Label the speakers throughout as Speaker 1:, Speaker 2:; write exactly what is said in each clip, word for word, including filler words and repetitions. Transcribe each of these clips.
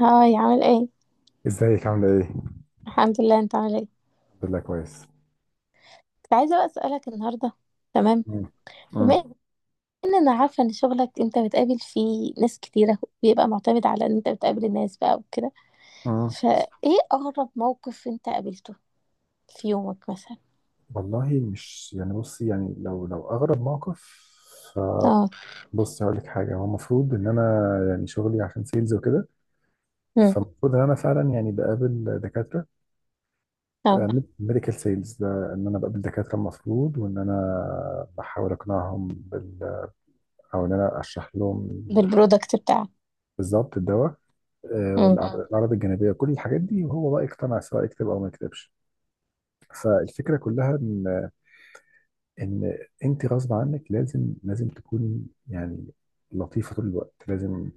Speaker 1: هاي، عامل ايه؟
Speaker 2: ازيك عاملة ايه؟
Speaker 1: الحمد لله، انت عامل ايه؟
Speaker 2: الحمد لله كويس.
Speaker 1: كنت عايزه بقى اسالك النهارده. تمام.
Speaker 2: مم.
Speaker 1: بما
Speaker 2: مم.
Speaker 1: ان انا عارفه ان شغلك انت بتقابل فيه ناس كتيره، بيبقى معتمد على ان انت بتقابل الناس بقى وكده.
Speaker 2: مم.
Speaker 1: فايه اغرب موقف انت قابلته في يومك مثلا؟
Speaker 2: والله مش يعني. بصي يعني لو لو اغرب موقف،
Speaker 1: اه.
Speaker 2: فبصي هقول لك حاجة. هو المفروض ان انا، يعني شغلي عشان سيلز وكده.
Speaker 1: امم.
Speaker 2: فالمفروض ان انا فعلا يعني بقابل دكاترة،
Speaker 1: اه،
Speaker 2: ميديكال سيلز ده، ان انا بقابل دكاترة المفروض، وان انا بحاول اقنعهم بال او ان انا اشرح لهم
Speaker 1: بالبرودكت بتاعك.
Speaker 2: بالظبط الدواء، آه،
Speaker 1: امم.
Speaker 2: والأعراض. مم. الأعراض الجانبية، كل الحاجات دي، وهو بقى يقتنع سواء يكتب أو ما يكتبش. فالفكرة كلها ان ان انت غصب عنك، لازم لازم تكوني يعني لطيفه طول الوقت، لازم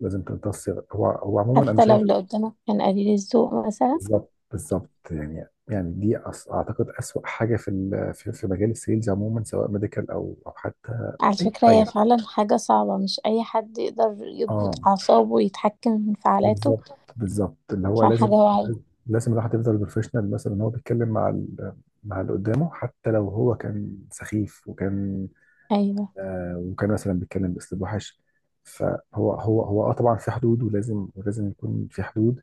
Speaker 2: لازم تمتصي. هو هو عموما انا
Speaker 1: حتى لو
Speaker 2: شايف.
Speaker 1: اللي قدامك كان قليل الذوق مثلا.
Speaker 2: بالظبط بالظبط. يعني يعني دي أص- اعتقد اسوأ حاجه في ال- في في مجال السيلز عموما، سواء ميديكال او او حتى
Speaker 1: على
Speaker 2: اي
Speaker 1: فكره هي
Speaker 2: حاجه.
Speaker 1: فعلا حاجه صعبه، مش اي حد يقدر يضبط
Speaker 2: اه،
Speaker 1: اعصابه ويتحكم في انفعالاته،
Speaker 2: بالظبط بالظبط، اللي هو
Speaker 1: عشان حاجه
Speaker 2: لازم،
Speaker 1: واعيه.
Speaker 2: لازم الواحد يفضل بروفيشنال، مثلا هو بيتكلم مع ال- مع اللي قدامه، حتى لو هو كان سخيف وكان،
Speaker 1: ايوه.
Speaker 2: آه، وكان مثلا بيتكلم باسلوب وحش. فهو، هو هو اه طبعا في حدود، ولازم ولازم يكون في حدود.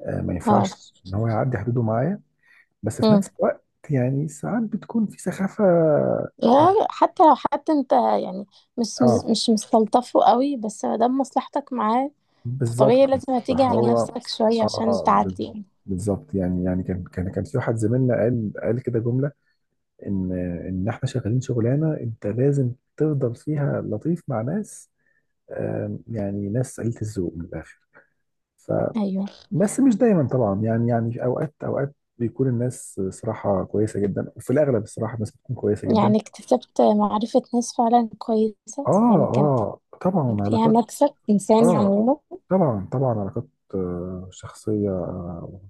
Speaker 2: آه، ما
Speaker 1: اه.
Speaker 2: ينفعش ان هو يعدي حدوده معايا. بس في نفس الوقت يعني ساعات بتكون في سخافة يعني.
Speaker 1: لا، حتى لو حد انت يعني مش
Speaker 2: اه
Speaker 1: مش مستلطفه قوي، بس ما دام مصلحتك معاه
Speaker 2: بالظبط،
Speaker 1: فطبيعي
Speaker 2: ناتجة عن،
Speaker 1: لازم هتيجي على
Speaker 2: فهو
Speaker 1: نفسك شوية عشان
Speaker 2: اه
Speaker 1: تعدي
Speaker 2: بالظبط
Speaker 1: يعني.
Speaker 2: بالظبط. يعني يعني كان كان كان في واحد زميلنا قال قال كده جملة، ان ان احنا شغالين شغلانة انت لازم تفضل فيها لطيف مع ناس، آم، يعني ناس قليلة الذوق من الاخر.
Speaker 1: ايوه.
Speaker 2: بس مش دايما طبعا. يعني يعني في اوقات اوقات بيكون الناس صراحه كويسه جدا، وفي الاغلب الصراحه الناس بتكون كويسه جدا.
Speaker 1: يعني اكتسبت معرفة ناس فعلا كويسة،
Speaker 2: اه.
Speaker 1: يعني كان
Speaker 2: اه طبعا،
Speaker 1: فيها
Speaker 2: علاقات.
Speaker 1: مكسب إنساني
Speaker 2: اه
Speaker 1: عموما.
Speaker 2: طبعا طبعا، علاقات آه، شخصيه، آه،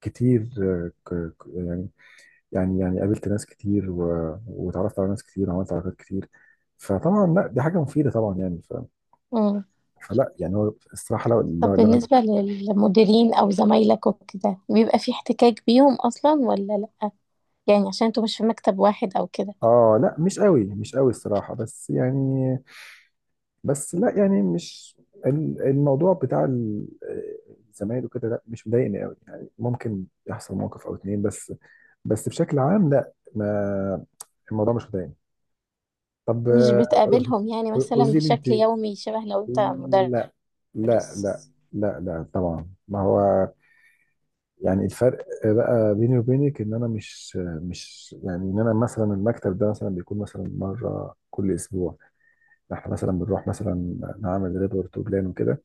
Speaker 2: كتير. آه، ك- ك- يعني يعني يعني قابلت ناس كتير، و- واتعرفت على ناس كتير، وعملت علاقات كتير. فطبعا لا، دي حاجه مفيده طبعا يعني. ف
Speaker 1: مم.
Speaker 2: فلا يعني، هو الصراحه لو
Speaker 1: طب
Speaker 2: لو, لو
Speaker 1: بالنسبة للمديرين أو زمايلك وكده بيبقى في احتكاك بيهم أصلا ولا لأ؟ يعني عشان انتوا مش في مكتب واحد أو كده.
Speaker 2: اه، لا، مش قوي مش قوي الصراحه. بس يعني، بس لا يعني، مش، ال- الموضوع بتاع ال- الزمايل وكده، لا مش مضايقني قوي يعني. ممكن يحصل موقف او اتنين بس بس بشكل عام لا. ما الموضوع مش مضايقني. طب،
Speaker 1: مش
Speaker 2: آه،
Speaker 1: بتقابلهم يعني مثلا
Speaker 2: قولي لي انت.
Speaker 1: بشكل يومي شبه لو انت مدرس.
Speaker 2: لا. لا، لا، لا، لا طبعا. ما هو يعني الفرق بقى بيني وبينك ان انا مش، مش يعني ان انا مثلا المكتب ده مثلا بيكون مثلا مره كل اسبوع. احنا مثلا بنروح مثلا نعمل ريبورت وبلان وكده،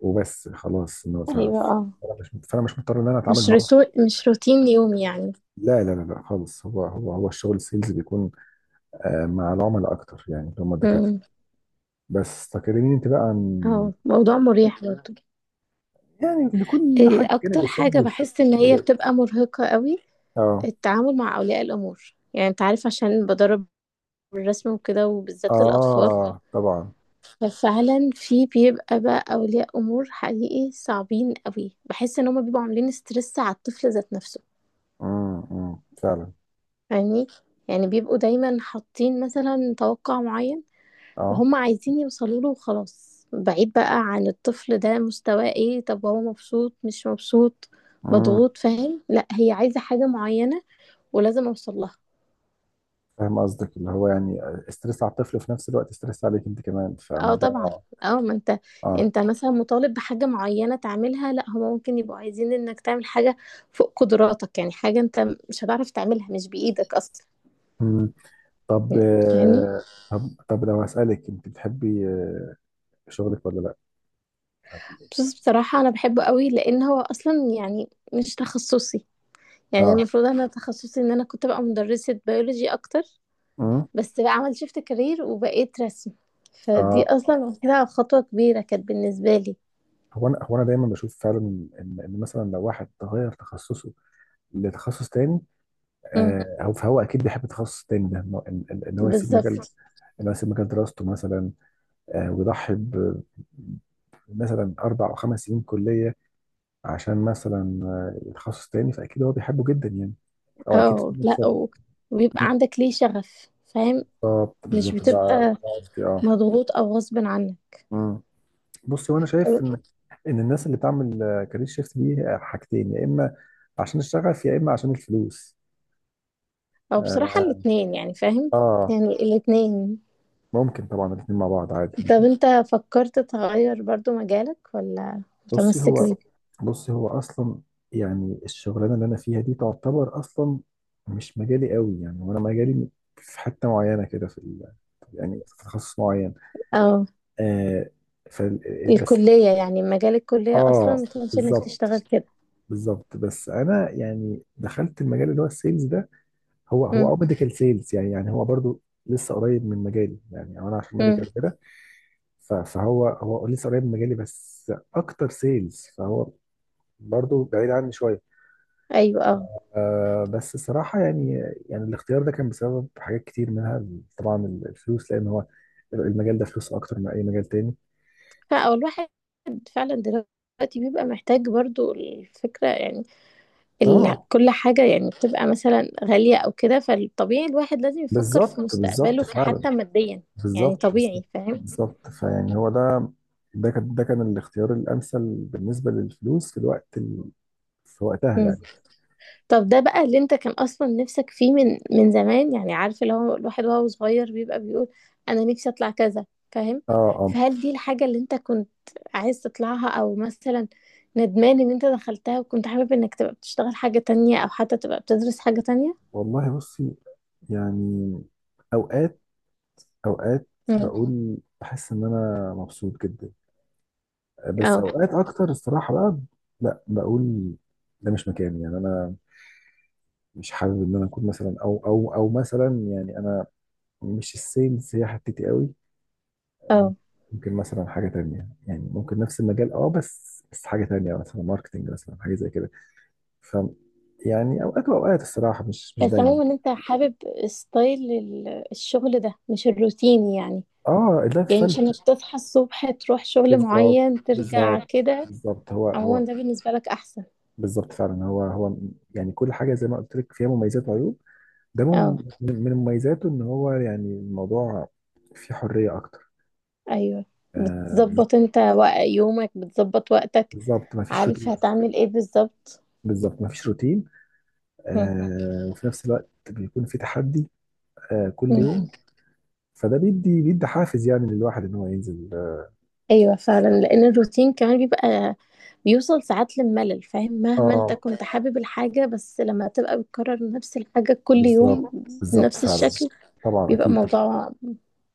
Speaker 2: وبس خلاص إنه ف- ف-
Speaker 1: ايوه.
Speaker 2: فانا مش فانا مش مضطر ان انا اتعامل
Speaker 1: مش
Speaker 2: معاه.
Speaker 1: روتو... مش روتين يومي يعني.
Speaker 2: لا، لا، لا، لا خالص. هو هو هو الشغل السيلز بيكون آه، مع العملاء اكتر يعني، اللي هم الدكاتره.
Speaker 1: امم.
Speaker 2: بس تكلميني انت بقى عن،
Speaker 1: اه، موضوع مريح برضه.
Speaker 2: يعني لكل
Speaker 1: إيه
Speaker 2: حاجه جانب
Speaker 1: اكتر
Speaker 2: السيلز
Speaker 1: حاجة
Speaker 2: بس-
Speaker 1: بحس ان هي
Speaker 2: بجد.
Speaker 1: بتبقى مرهقة قوي؟
Speaker 2: اه،
Speaker 1: التعامل مع اولياء الامور، يعني انت عارف عشان بدرب الرسم وكده وبالذات للاطفال.
Speaker 2: اه طبعا.
Speaker 1: ففعلا في بيبقى بقى اولياء امور حقيقي صعبين قوي، بحس ان هما بيبقوا عاملين ستريس على الطفل ذات نفسه.
Speaker 2: امم. أمم، فعلا.
Speaker 1: يعني يعني بيبقوا دايما حاطين مثلا توقع معين
Speaker 2: اه.
Speaker 1: وهم عايزين يوصلوا له، وخلاص بعيد بقى عن الطفل ده، مستواه ايه، طب هو مبسوط مش مبسوط،
Speaker 2: امم
Speaker 1: مضغوط، فاهم؟ لا، هي عايزة حاجة معينة ولازم اوصل لها.
Speaker 2: فاهم قصدك، اللي هو يعني استرس على الطفل، وفي نفس الوقت استرس عليك انت كمان،
Speaker 1: اه طبعا.
Speaker 2: فالموضوع.
Speaker 1: اه، ما انت
Speaker 2: اه.
Speaker 1: انت مثلا مطالب بحاجة معينة تعملها، لا هما ممكن يبقوا عايزين انك تعمل حاجة فوق قدراتك، يعني حاجة انت مش هتعرف تعملها، مش بإيدك اصلا.
Speaker 2: امم طب،
Speaker 1: فاهمني؟
Speaker 2: آه، طب طب لو هسألك، انت بتحبي آه، شغلك ولا لا.
Speaker 1: بس بصراحة انا بحبه قوي لان هو اصلا يعني مش تخصصي، يعني
Speaker 2: اه.
Speaker 1: المفروض انا تخصصي ان انا كنت بقى مدرسة بيولوجي اكتر.
Speaker 2: امم
Speaker 1: بس بقى عملت شيفت كارير وبقيت رسم، فدي
Speaker 2: آه.
Speaker 1: اصلا كده خطوة كبيرة كانت بالنسبة لي.
Speaker 2: هو انا هو انا دايما بشوف فعلا ان، ان مثلا لو واحد تغير تخصصه لتخصص تاني،
Speaker 1: مم.
Speaker 2: آه هو فهو اكيد بيحب التخصص التاني ده، ان إن- إن- إن هو يسيب مجال،
Speaker 1: بالظبط.
Speaker 2: ان هو يسيب مجال دراسته مثلا، آه ويضحي ب- مثلا اربع او خمس سنين كليه، عشان مثلا آه تخصص تاني. فاكيد هو بيحبه جدا يعني، او اكيد
Speaker 1: اه لا
Speaker 2: بيكسب.
Speaker 1: و- وبيبقى عندك ليه شغف، فاهم؟
Speaker 2: بالظبط
Speaker 1: مش
Speaker 2: بالظبط. ده مقارنة،
Speaker 1: بتبقى
Speaker 2: ده قصدي.
Speaker 1: مضغوط او غصب عنك.
Speaker 2: اه. بص، وانا شايف
Speaker 1: طب
Speaker 2: ان، ان الناس اللي بتعمل آه، كارير شيفت دي آه، حاجتين، يا اما عشان الشغف، يا اما عشان الفلوس.
Speaker 1: او بصراحة
Speaker 2: اه.
Speaker 1: الاتنين يعني، فاهم؟
Speaker 2: آه،
Speaker 1: يعني الاتنين.
Speaker 2: ممكن طبعا الاثنين مع بعض عادي.
Speaker 1: طب انت فكرت تغير برضو مجالك ولا
Speaker 2: بصي
Speaker 1: متمسك
Speaker 2: هو
Speaker 1: بيه؟
Speaker 2: كده بصي هو اصلا، يعني الشغلانه اللي انا فيها دي تعتبر اصلا مش مجالي قوي يعني، وانا مجالي في حته معينه كده في ال- يعني في تخصص معين.
Speaker 1: او
Speaker 2: آه ف بس
Speaker 1: الكلية، يعني مجال الكلية
Speaker 2: اه،
Speaker 1: اصلا مش انك تشتغل
Speaker 2: بالظبط
Speaker 1: كده.
Speaker 2: بالظبط. بس انا يعني دخلت المجال اللي هو السيلز ده. هو هو
Speaker 1: مم.
Speaker 2: اه ميديكال سيلز، يعني يعني هو برضو لسه قريب من مجالي، يعني انا عشان
Speaker 1: مم.
Speaker 2: ميديكال كده. ف- فهو هو لسه قريب من مجالي بس اكتر سيلز، فهو برضو بعيد عني شويه.
Speaker 1: ايوه. اه.
Speaker 2: آه بس الصراحه يعني، يعني الاختيار ده كان بسبب حاجات كتير، منها طبعا الفلوس، لان هو المجال ده فلوس اكتر من اي مجال تاني.
Speaker 1: فا- أو الواحد فعلا دلوقتي بيبقى محتاج برضو الفكرة يعني، ال...
Speaker 2: اه،
Speaker 1: كل حاجة يعني بتبقى مثلا غالية أو كده، فالطبيعي الواحد لازم يفكر في
Speaker 2: بالظبط بالظبط
Speaker 1: مستقبله
Speaker 2: فعلا.
Speaker 1: كحتى ماديا. يعني
Speaker 2: بالظبط بالظبط.
Speaker 1: طبيعي، فاهم؟
Speaker 2: بالظبط. فيعني هو ده، ده كان ده كان الاختيار الامثل بالنسبه للفلوس في الوقت ال... في وقتها
Speaker 1: مم.
Speaker 2: يعني.
Speaker 1: طب ده بقى اللي انت كان اصلا نفسك فيه من من زمان، يعني عارف اللي هو الواحد وهو صغير بيبقى بيقول انا نفسي اطلع كذا، فاهم؟
Speaker 2: اه، اه.
Speaker 1: فهل دي الحاجة اللي انت كنت عايز تطلعها او مثلا ندمان ان انت دخلتها وكنت حابب انك تبقى بتشتغل حاجة تانية او حتى تبقى بتدرس حاجة تانية؟
Speaker 2: والله بصي، يعني اوقات اوقات
Speaker 1: مم.
Speaker 2: بقول بحس ان انا مبسوط جدا، بس
Speaker 1: اه
Speaker 2: اوقات اكتر الصراحه بقى لا بقول ده مش مكاني. يعني انا مش حابب ان انا اكون مثلا، او او او مثلا يعني انا، مش السيلز هي حتتي قوي.
Speaker 1: اه.
Speaker 2: ممكن مثلا حاجه تانية، يعني ممكن نفس المجال اه بس، بس حاجه تانية مثلا ماركتنج، مثلا حاجه زي كده. ف يعني اوقات واوقات الصراحه، مش مش
Speaker 1: بس
Speaker 2: دايما.
Speaker 1: عموما انت حابب ستايل ال- الشغل ده، مش الروتين يعني،
Speaker 2: اه، اللايف
Speaker 1: يعني
Speaker 2: ستايل.
Speaker 1: مش انك تصحى الصبح تروح شغل
Speaker 2: بالظبط
Speaker 1: معين ترجع
Speaker 2: بالظبط
Speaker 1: كده.
Speaker 2: بالظبط. هو هو
Speaker 1: عموما ده بالنسبة لك احسن.
Speaker 2: بالظبط فعلا. هو هو يعني كل حاجه زي ما قلت لك فيها مميزات وعيوب. ده
Speaker 1: اه.
Speaker 2: من من مميزاته، ان هو يعني الموضوع فيه حريه اكتر.
Speaker 1: ايوه،
Speaker 2: آه
Speaker 1: بتظبط انت وق- يومك، بتظبط وقتك،
Speaker 2: بالظبط، ما فيش
Speaker 1: عارف
Speaker 2: روتين.
Speaker 1: هتعمل ايه بالظبط.
Speaker 2: بالظبط، ما فيش روتين.
Speaker 1: مم.
Speaker 2: آه وفي نفس الوقت بيكون في تحدي آه كل
Speaker 1: مم.
Speaker 2: يوم. فده بيدي بيدي حافز يعني للواحد ان هو ينزل.
Speaker 1: ايوه فعلا، لان الروتين كمان بيبقى بيوصل ساعات للملل، فاهم؟ مهما انت
Speaker 2: اه،
Speaker 1: كنت حابب الحاجة، بس لما تبقى بتكرر نفس الحاجة كل يوم
Speaker 2: بالظبط بالظبط
Speaker 1: بنفس
Speaker 2: فعلا.
Speaker 1: الشكل،
Speaker 2: طبعا
Speaker 1: بيبقى
Speaker 2: اكيد.
Speaker 1: موضوع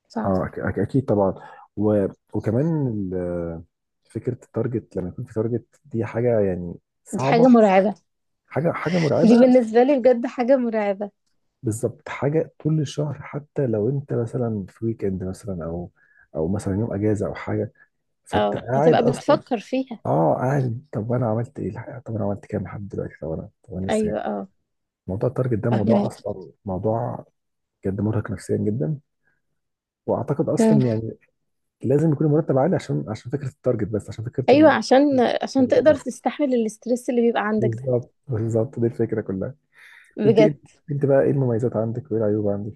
Speaker 1: صعب.
Speaker 2: اه، أك- أك- اكيد طبعا. و... وكمان ال- فكره التارجت، لما يكون في تارجت دي حاجه يعني
Speaker 1: دي
Speaker 2: صعبه.
Speaker 1: حاجة مرعبة.
Speaker 2: حاجه حاجه مرعبه.
Speaker 1: دي بالنسبة لي بجد حاجة مرعبة.
Speaker 2: بالظبط، حاجه طول الشهر. حتى لو انت مثلا في ويكند مثلا، او او مثلا يوم اجازه او حاجه، فانت
Speaker 1: اه،
Speaker 2: قاعد
Speaker 1: هتبقى
Speaker 2: اصلا.
Speaker 1: بتفكر فيها.
Speaker 2: اه قاعد، طب انا عملت ايه الحقيقه، طب انا عملت كام لحد دلوقتي، طب انا طب انا لسه كام؟
Speaker 1: ايوه. اه.
Speaker 2: موضوع التارجت ده موضوع
Speaker 1: فاهمك.
Speaker 2: اصلا موضوع بجد مرهق نفسيا جدا. واعتقد
Speaker 1: مم.
Speaker 2: اصلا يعني لازم يكون المرتب عالي، عشان عشان فكره التارجت، بس عشان فكره
Speaker 1: ايوه،
Speaker 2: ال...
Speaker 1: عشان عشان تقدر
Speaker 2: بس.
Speaker 1: تستحمل الاسترس اللي بيبقى عندك ده.
Speaker 2: بالظبط بالظبط، دي الفكره كلها. انت
Speaker 1: بجد.
Speaker 2: ايه انت بقى ايه المميزات عندك وايه العيوب عندك؟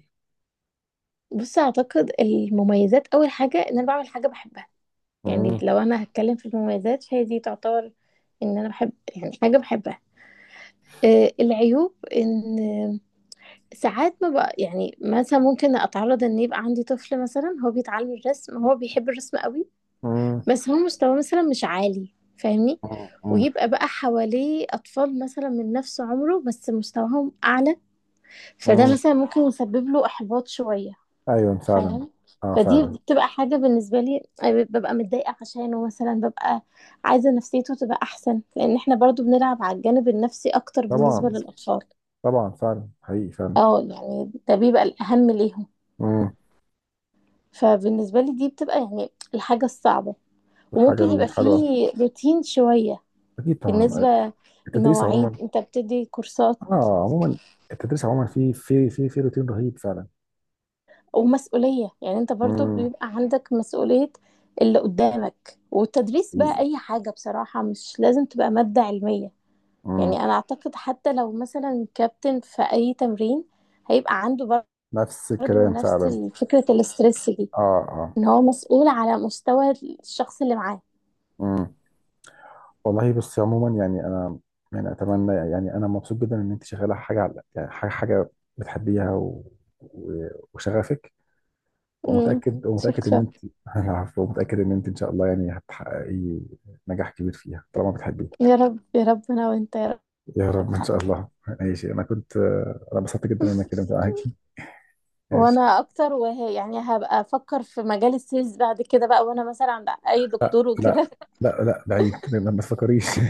Speaker 1: بص اعتقد المميزات اول حاجة ان انا بعمل حاجة بحبها، يعني
Speaker 2: مم.
Speaker 1: لو انا هتكلم في المميزات فهي دي تعتبر ان انا بحب يعني حاجة بحبها. آه، العيوب ان ساعات ما بقى يعني مثلا ممكن اتعرض ان يبقى عندي طفل مثلا هو بيتعلم الرسم، هو بيحب الرسم قوي،
Speaker 2: مم.
Speaker 1: بس هو مستواه مثلا مش عالي، فاهمني؟
Speaker 2: مم.
Speaker 1: ويبقى بقى حواليه اطفال مثلا من نفس عمره بس مستواهم اعلى، فده
Speaker 2: مم.
Speaker 1: مثلا ممكن يسبب له احباط شوية،
Speaker 2: ايوه فعلا.
Speaker 1: فاهم؟
Speaker 2: اه
Speaker 1: فدي
Speaker 2: فعلا.
Speaker 1: بتبقى حاجة بالنسبة لي ببقى متضايقة عشانه، مثلا ببقى عايزة نفسيته تبقى أحسن، لأن احنا برضو بنلعب على الجانب النفسي أكتر بالنسبة
Speaker 2: طبعا
Speaker 1: للأطفال.
Speaker 2: طبعا، فعلا حقيقي فعلا.
Speaker 1: اه، يعني ده بيبقى الأهم ليهم.
Speaker 2: مم.
Speaker 1: فبالنسبة لي دي بتبقى يعني الحاجة الصعبة.
Speaker 2: والحاجه
Speaker 1: وممكن يبقى
Speaker 2: الحلوه.
Speaker 1: فيه روتين شوية
Speaker 2: اكيد طبعا.
Speaker 1: بالنسبة
Speaker 2: التدريس
Speaker 1: للمواعيد،
Speaker 2: عموما.
Speaker 1: انت بتدي كورسات.
Speaker 2: اه عموما، التدريس عموما في في في في روتين رهيب فعلا.
Speaker 1: ومسؤولية، يعني انت برضو
Speaker 2: مم.
Speaker 1: بيبقى عندك مسؤولية اللي قدامك. والتدريس بقى
Speaker 2: حقيقي.
Speaker 1: أي حاجة بصراحة، مش لازم تبقى مادة علمية،
Speaker 2: مم.
Speaker 1: يعني أنا أعتقد حتى لو مثلا كابتن في أي تمرين هيبقى عنده
Speaker 2: نفس
Speaker 1: برضو
Speaker 2: الكلام
Speaker 1: نفس
Speaker 2: فعلا.
Speaker 1: فكرة الاسترس دي،
Speaker 2: اه. اه.
Speaker 1: إن هو مسؤول على مستوى الشخص اللي معاه.
Speaker 2: مم. والله بصي عموما يعني انا، يعني اتمنى، يعني انا مبسوط جدا ان انت شغاله حاجه على، يعني حاجه حاجه بتحبيها، و... و... وشغفك،
Speaker 1: مم.
Speaker 2: ومتاكد ومتاكد ان
Speaker 1: شكرا.
Speaker 2: انت. العفو. ومتاكد ان انت ان شاء الله يعني هتحققي نجاح كبير فيها طالما بتحبيه.
Speaker 1: يا رب يا رب، انا وانت يا رب.
Speaker 2: يا رب ان شاء الله. ماشي، انا كنت انا انبسطت جدا ان انا اتكلمت معاكي. ماشي.
Speaker 1: وانا اكتر، وهي يعني هبقى افكر في مجال السيلز بعد كده بقى وانا مثلا عند اي
Speaker 2: لا،
Speaker 1: دكتور
Speaker 2: لا،
Speaker 1: وكده.
Speaker 2: لا، لا، بعيد ما تفكريش.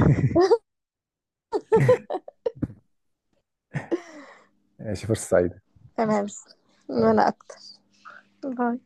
Speaker 2: ماشي، فرصه سعيده.
Speaker 1: تمام. وانا
Speaker 2: باي.
Speaker 1: اكتر. باي.